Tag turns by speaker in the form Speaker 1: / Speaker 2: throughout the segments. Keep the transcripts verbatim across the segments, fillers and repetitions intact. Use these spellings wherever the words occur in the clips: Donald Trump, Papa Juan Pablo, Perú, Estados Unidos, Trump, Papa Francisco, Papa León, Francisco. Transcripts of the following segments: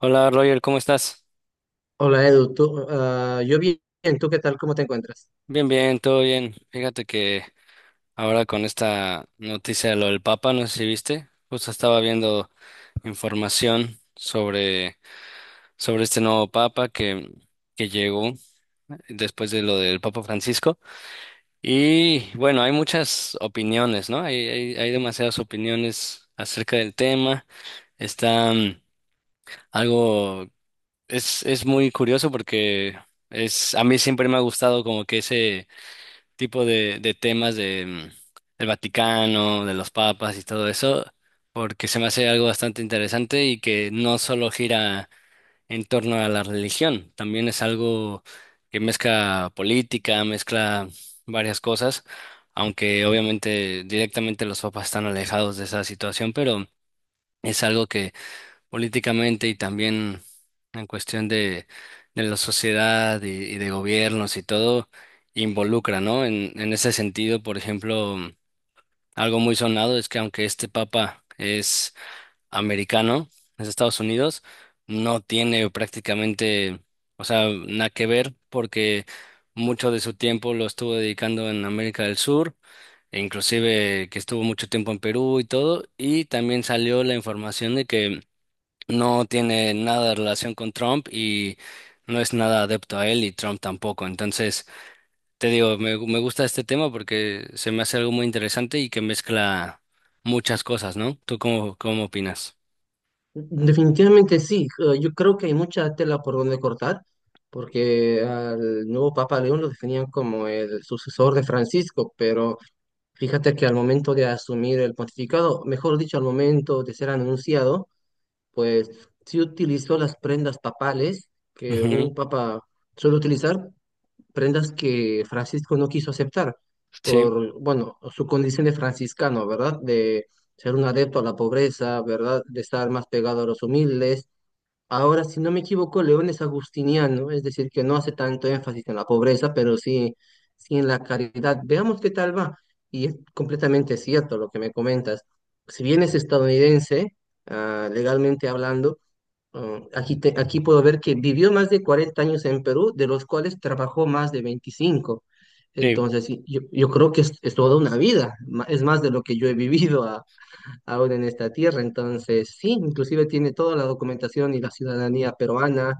Speaker 1: Hola Roger, ¿cómo estás?
Speaker 2: Hola Edu, tú, ah, yo bien, ¿tú qué tal? ¿Cómo te encuentras?
Speaker 1: Bien, bien, todo bien. Fíjate que ahora con esta noticia de lo del Papa, no sé si viste, justo estaba viendo información sobre, sobre este nuevo Papa que, que llegó después de lo del Papa Francisco. Y bueno, hay muchas opiniones, ¿no? Hay, hay, hay demasiadas opiniones acerca del tema. Está mm, algo, es, es muy curioso porque es, a mí siempre me ha gustado como que ese tipo de, de temas de, mm, del Vaticano, de los papas y todo eso, porque se me hace algo bastante interesante y que no solo gira en torno a la religión, también es algo que mezcla política, mezcla varias cosas, aunque obviamente directamente los papas están alejados de esa situación, pero es algo políticamente y también en cuestión de, de la sociedad y, y de gobiernos y todo, involucra, ¿no? En, en ese sentido, por ejemplo, algo muy sonado es que aunque este papa es americano, es de Estados Unidos, no tiene prácticamente, o sea, nada que ver porque mucho de su tiempo lo estuvo dedicando en América del Sur e inclusive que estuvo mucho tiempo en Perú y todo, y también salió la información de que no tiene nada de relación con Trump y no es nada adepto a él y Trump tampoco. Entonces, te digo, me, gu- me gusta este tema porque se me hace algo muy interesante y que mezcla muchas cosas, ¿no? ¿Tú cómo, cómo opinas?
Speaker 2: Definitivamente sí, eh, yo creo que hay mucha tela por donde cortar, porque al nuevo Papa León lo definían como el sucesor de Francisco, pero fíjate que al momento de asumir el pontificado, mejor dicho, al momento de ser anunciado, pues sí utilizó las prendas papales que
Speaker 1: Ujú.
Speaker 2: un papa suele utilizar, prendas que Francisco no quiso aceptar
Speaker 1: Sí,
Speaker 2: por, bueno, su condición de franciscano, ¿verdad? De ser un adepto a la pobreza, ¿verdad? De estar más pegado a los humildes. Ahora, si no me equivoco, León es agustiniano, es decir, que no hace tanto énfasis en la pobreza, pero sí, sí en la caridad. Veamos qué tal va. Y es completamente cierto lo que me comentas. Si bien es estadounidense, ah, legalmente hablando, Ah, aquí, te- aquí puedo ver que vivió más de cuarenta años en Perú, de los cuales trabajó más de veinticinco.
Speaker 1: sí,
Speaker 2: Entonces, sí, yo, yo creo que es, es toda una vida, ma- es más de lo que yo he vivido a- ahora en esta tierra. Entonces, sí, inclusive tiene toda la documentación y la ciudadanía peruana,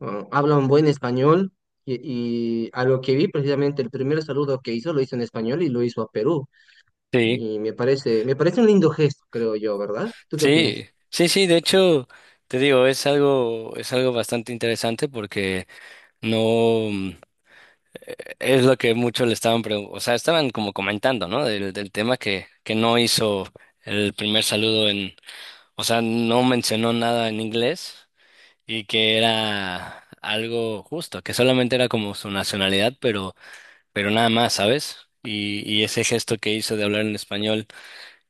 Speaker 2: ah, habla un buen español y, y a lo que vi precisamente el primer saludo que hizo lo hizo en español y lo hizo a Perú.
Speaker 1: sí,
Speaker 2: Y me parece, me parece un lindo gesto, creo yo, ¿verdad? ¿Tú qué
Speaker 1: sí,
Speaker 2: opinas?
Speaker 1: sí, sí, de hecho, te digo, es algo, es algo bastante interesante porque no mm, eh, es lo que muchos le estaban preguntando, o sea, estaban como comentando, ¿no? Del, del tema que, que no hizo el primer saludo en... O sea, no mencionó nada en inglés y que era algo justo, que solamente era como su nacionalidad, pero, pero nada más, ¿sabes? Y, y ese gesto que hizo de hablar en español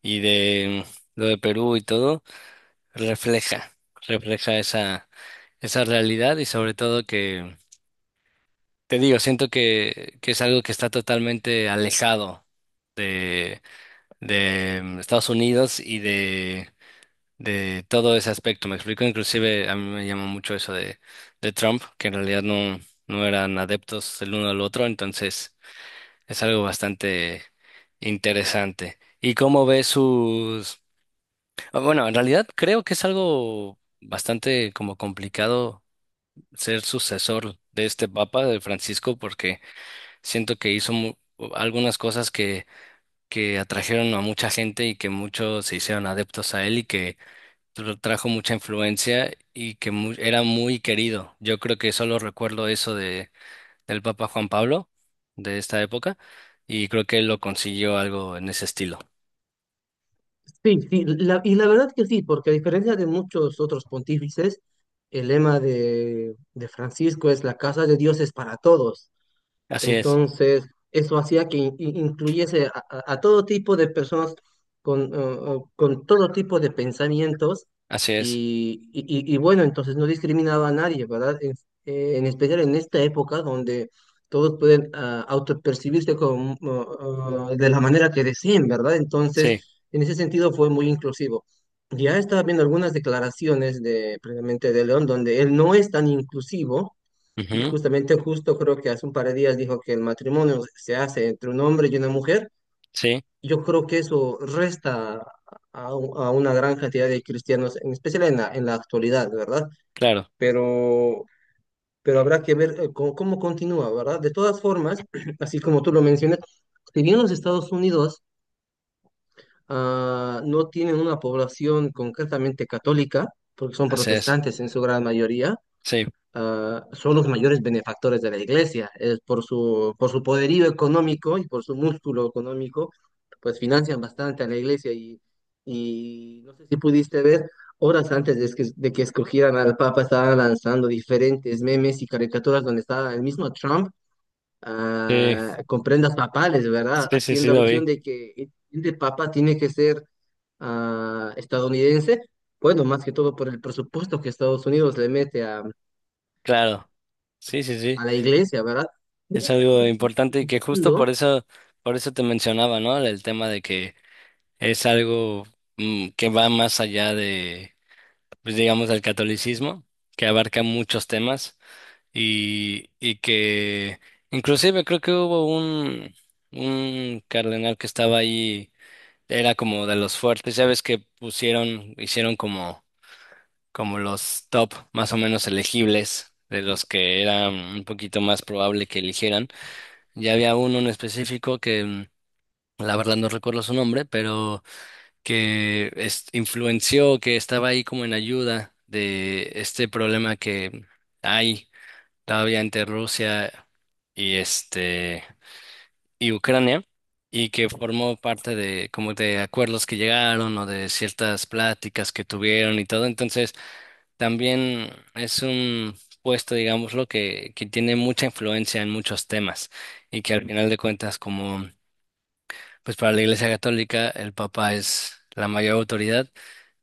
Speaker 1: y de mm, lo de Perú y todo, refleja, refleja esa, esa realidad y sobre todo que, te digo, siento que, que es algo que está totalmente alejado de, de mm, Estados Unidos y de de todo ese aspecto. Me explico, inclusive a mí me llamó mucho eso de, de Trump, que en realidad no, no eran adeptos el uno al otro, entonces es algo bastante interesante. ¿Y cómo ve sus... Ah, Bueno, en realidad creo que es algo bastante como complicado ser sucesor de este Papa, de Francisco, porque siento que hizo mu- algunas cosas que, que atrajeron a mucha gente y que muchos se hicieron adeptos a él y que tra- trajo mucha influencia y que mu- era muy querido. Yo creo que solo recuerdo eso de, del Papa Juan Pablo de esta época y creo que él lo consiguió algo en ese estilo.
Speaker 2: Sí, sí, la- y la verdad que sí, porque a diferencia de muchos otros pontífices, el lema de, de Francisco es la casa de Dios es para todos.
Speaker 1: Así es,
Speaker 2: Entonces, eso hacía que in- in- incluyese a, a- a todo tipo de personas con, eh, con todo tipo de pensamientos
Speaker 1: así es.
Speaker 2: y, y- y- y bueno, entonces no discriminaba a nadie, ¿verdad? En, eh, en especial en esta época donde todos pueden ah, autopercibirse como, ah, ah, de la manera que deseen, ¿verdad?
Speaker 1: Sí,
Speaker 2: Entonces, en ese sentido fue muy inclusivo. Ya estaba viendo algunas declaraciones de, precisamente de León, donde él no es tan inclusivo y
Speaker 1: ujú.
Speaker 2: justamente justo creo que hace un par de días dijo que el matrimonio se hace entre un hombre y una mujer.
Speaker 1: Sí,
Speaker 2: Yo creo que eso resta a, u- a una gran cantidad de cristianos, en especial en la, en la actualidad, ¿verdad?
Speaker 1: claro,
Speaker 2: Pero, pero habrá que ver eh, cómo, cómo continúa, ¿verdad? De todas formas, así como tú lo mencionas, si bien los Estados Unidos ah, no tienen una población concretamente católica, porque son
Speaker 1: así es.
Speaker 2: protestantes en su gran mayoría,
Speaker 1: Sí,
Speaker 2: ah, son los mayores benefactores de la iglesia. Es por su, por su poderío económico y por su músculo económico, pues financian bastante a la iglesia y, y no sé si pudiste ver, horas antes de que, de que escogieran al Papa estaban lanzando diferentes memes y caricaturas donde estaba el mismo Trump
Speaker 1: sí,
Speaker 2: ah, con prendas papales, ¿verdad?
Speaker 1: sí, sí, sí,
Speaker 2: Haciendo
Speaker 1: lo
Speaker 2: alusión
Speaker 1: vi.
Speaker 2: de que el Papa tiene que ser ah, estadounidense. Bueno, más que todo por el presupuesto que Estados Unidos le mete
Speaker 1: Claro, sí, sí, sí.
Speaker 2: a la iglesia, ¿verdad? Voy a
Speaker 1: Es
Speaker 2: estar
Speaker 1: algo importante y que justo por
Speaker 2: disfrutando.
Speaker 1: eso, por eso te mencionaba, ¿no? El tema de que es algo mm, que va más allá pues digamos, al catolicismo, que abarca muchos temas y, y que inclusive creo que hubo un, un cardenal que estaba ahí, era como de los fuertes, ya ves que pusieron, hicieron como, como los top más o menos elegibles, de los que era un poquito más probable que eligieran. Ya había uno en específico que mm, la verdad no recuerdo su nombre, pero que es- influenció, que estaba ahí como en ayuda de este problema que hay todavía entre Rusia y este y Ucrania y que formó parte de como de acuerdos que llegaron o de ciertas pláticas que tuvieron y todo. Entonces, también es un puesto, digámoslo, que, que tiene mucha influencia en muchos temas y que al final de cuentas como pues para la Iglesia Católica el Papa es la mayor autoridad,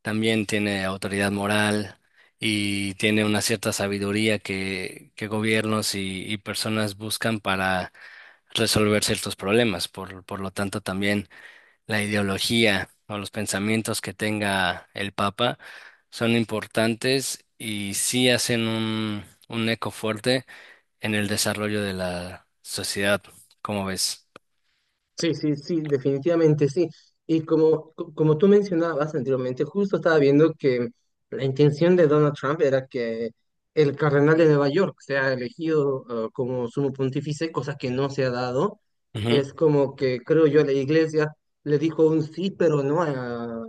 Speaker 1: también tiene autoridad moral y tiene una cierta sabiduría que, que gobiernos y, y personas buscan para resolver ciertos problemas. Por, por lo tanto, también la ideología o los pensamientos que tenga el Papa son importantes y sí hacen un, un eco fuerte en el desarrollo de la sociedad, como ves.
Speaker 2: Sí, sí, sí, definitivamente sí. Y como, co- como tú mencionabas anteriormente, justo estaba viendo que la intención de Donald Trump era que el cardenal de Nueva York sea elegido eh, como sumo pontífice, cosa que no se ha dado.
Speaker 1: Ujú.
Speaker 2: Es como que, creo yo, la iglesia le dijo un sí, pero no a,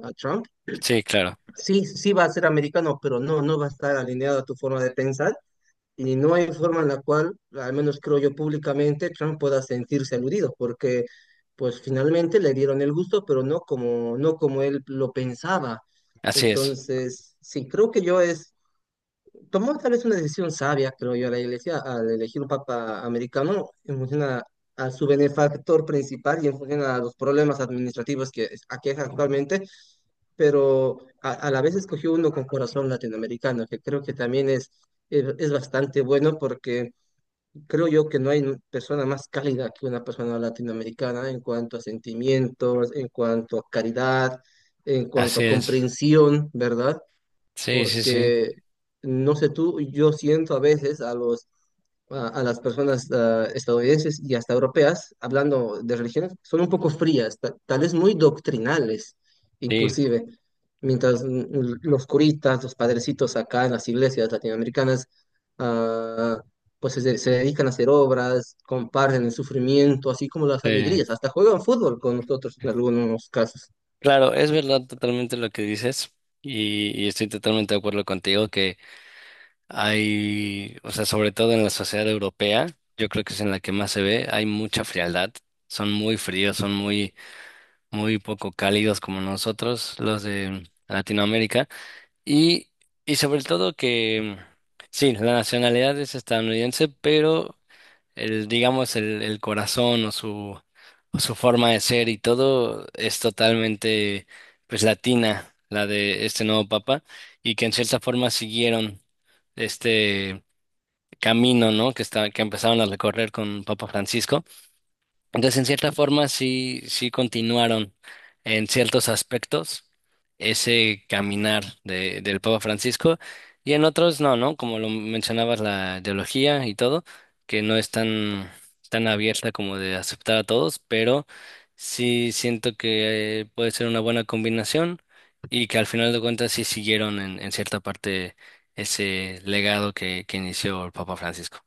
Speaker 2: a Trump.
Speaker 1: Sí, claro.
Speaker 2: Sí, sí va a ser americano, pero no, no va a estar alineado a tu forma de pensar. Y no hay forma en la cual, al menos creo yo públicamente, Trump pueda sentirse aludido, porque pues finalmente le dieron el gusto, pero no como, no como él lo pensaba.
Speaker 1: Así es.
Speaker 2: Entonces, sí, creo que yo es, tomó tal vez una decisión sabia, creo yo, la iglesia, al elegir un papa americano en función a, a su benefactor principal y en función a los problemas administrativos que aquejan actualmente, pero a, a la vez escogió uno con corazón latinoamericano, que creo que también es, es es bastante bueno porque creo yo que no hay persona más cálida que una persona latinoamericana en cuanto a sentimientos, en cuanto a caridad, en cuanto
Speaker 1: Así
Speaker 2: a
Speaker 1: es.
Speaker 2: comprensión, ¿verdad?
Speaker 1: Sí, sí, sí.
Speaker 2: Porque, no sé tú, yo siento a veces a los a, a las personas ah, estadounidenses y hasta europeas, hablando de religiones, son un poco frías, ta- tal vez muy doctrinales,
Speaker 1: Sí,
Speaker 2: inclusive. Mientras mm, mm, los curitas, los padrecitos acá en las iglesias latinoamericanas, ah, pues se, se dedican a hacer obras, comparten el sufrimiento, así como las
Speaker 1: sí.
Speaker 2: alegrías, hasta juegan fútbol con nosotros en algunos casos.
Speaker 1: Claro, es verdad totalmente lo que dices y, y estoy totalmente de acuerdo contigo que hay, o sea, sobre todo en la sociedad europea, yo creo que es en la que más se ve, hay mucha frialdad, son muy fríos, son muy, muy poco cálidos como nosotros, los de Latinoamérica, y, y sobre todo que, sí, la nacionalidad es estadounidense, pero el, digamos, el, el corazón o su, o su forma de ser y todo es totalmente, pues, latina, la de este nuevo papa, y que en cierta forma siguieron este camino, ¿no? Que está, que empezaron a recorrer con Papa Francisco. Entonces, en cierta forma, sí, sí continuaron en ciertos aspectos ese caminar de, del Papa Francisco y en otros no, ¿no? Como lo mencionabas, la ideología y todo, que no es tan, tan abierta como de aceptar a todos, pero sí siento que eh, puede ser una buena combinación y que al final de cuentas sí siguieron en, en cierta parte ese legado que, que inició el Papa Francisco.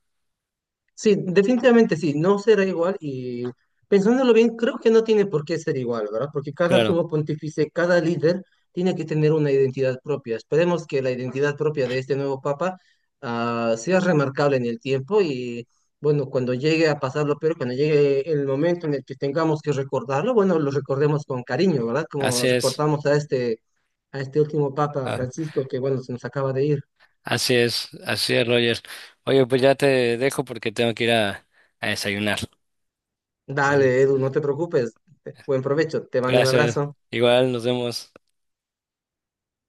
Speaker 2: Sí, definitivamente sí, no será igual y pensándolo bien, creo que no tiene por qué ser igual, ¿verdad? Porque cada
Speaker 1: Claro,
Speaker 2: sumo pontífice, cada líder tiene que tener una identidad propia. Esperemos que la identidad propia de este nuevo papa ah, sea remarcable en el tiempo y bueno, cuando llegue a pasarlo, pero cuando llegue el momento en el que tengamos que recordarlo, bueno, lo recordemos con cariño, ¿verdad? Como
Speaker 1: así es.
Speaker 2: recordamos a este, a este último papa Francisco que bueno, se nos acaba de ir.
Speaker 1: Así es, así es, Roger. Oye, pues ya te dejo porque tengo que ir a, a desayunar, ¿vale?
Speaker 2: Dale, Edu, no te preocupes. Buen provecho, te mando un
Speaker 1: Gracias.
Speaker 2: abrazo.
Speaker 1: Igual, nos vemos.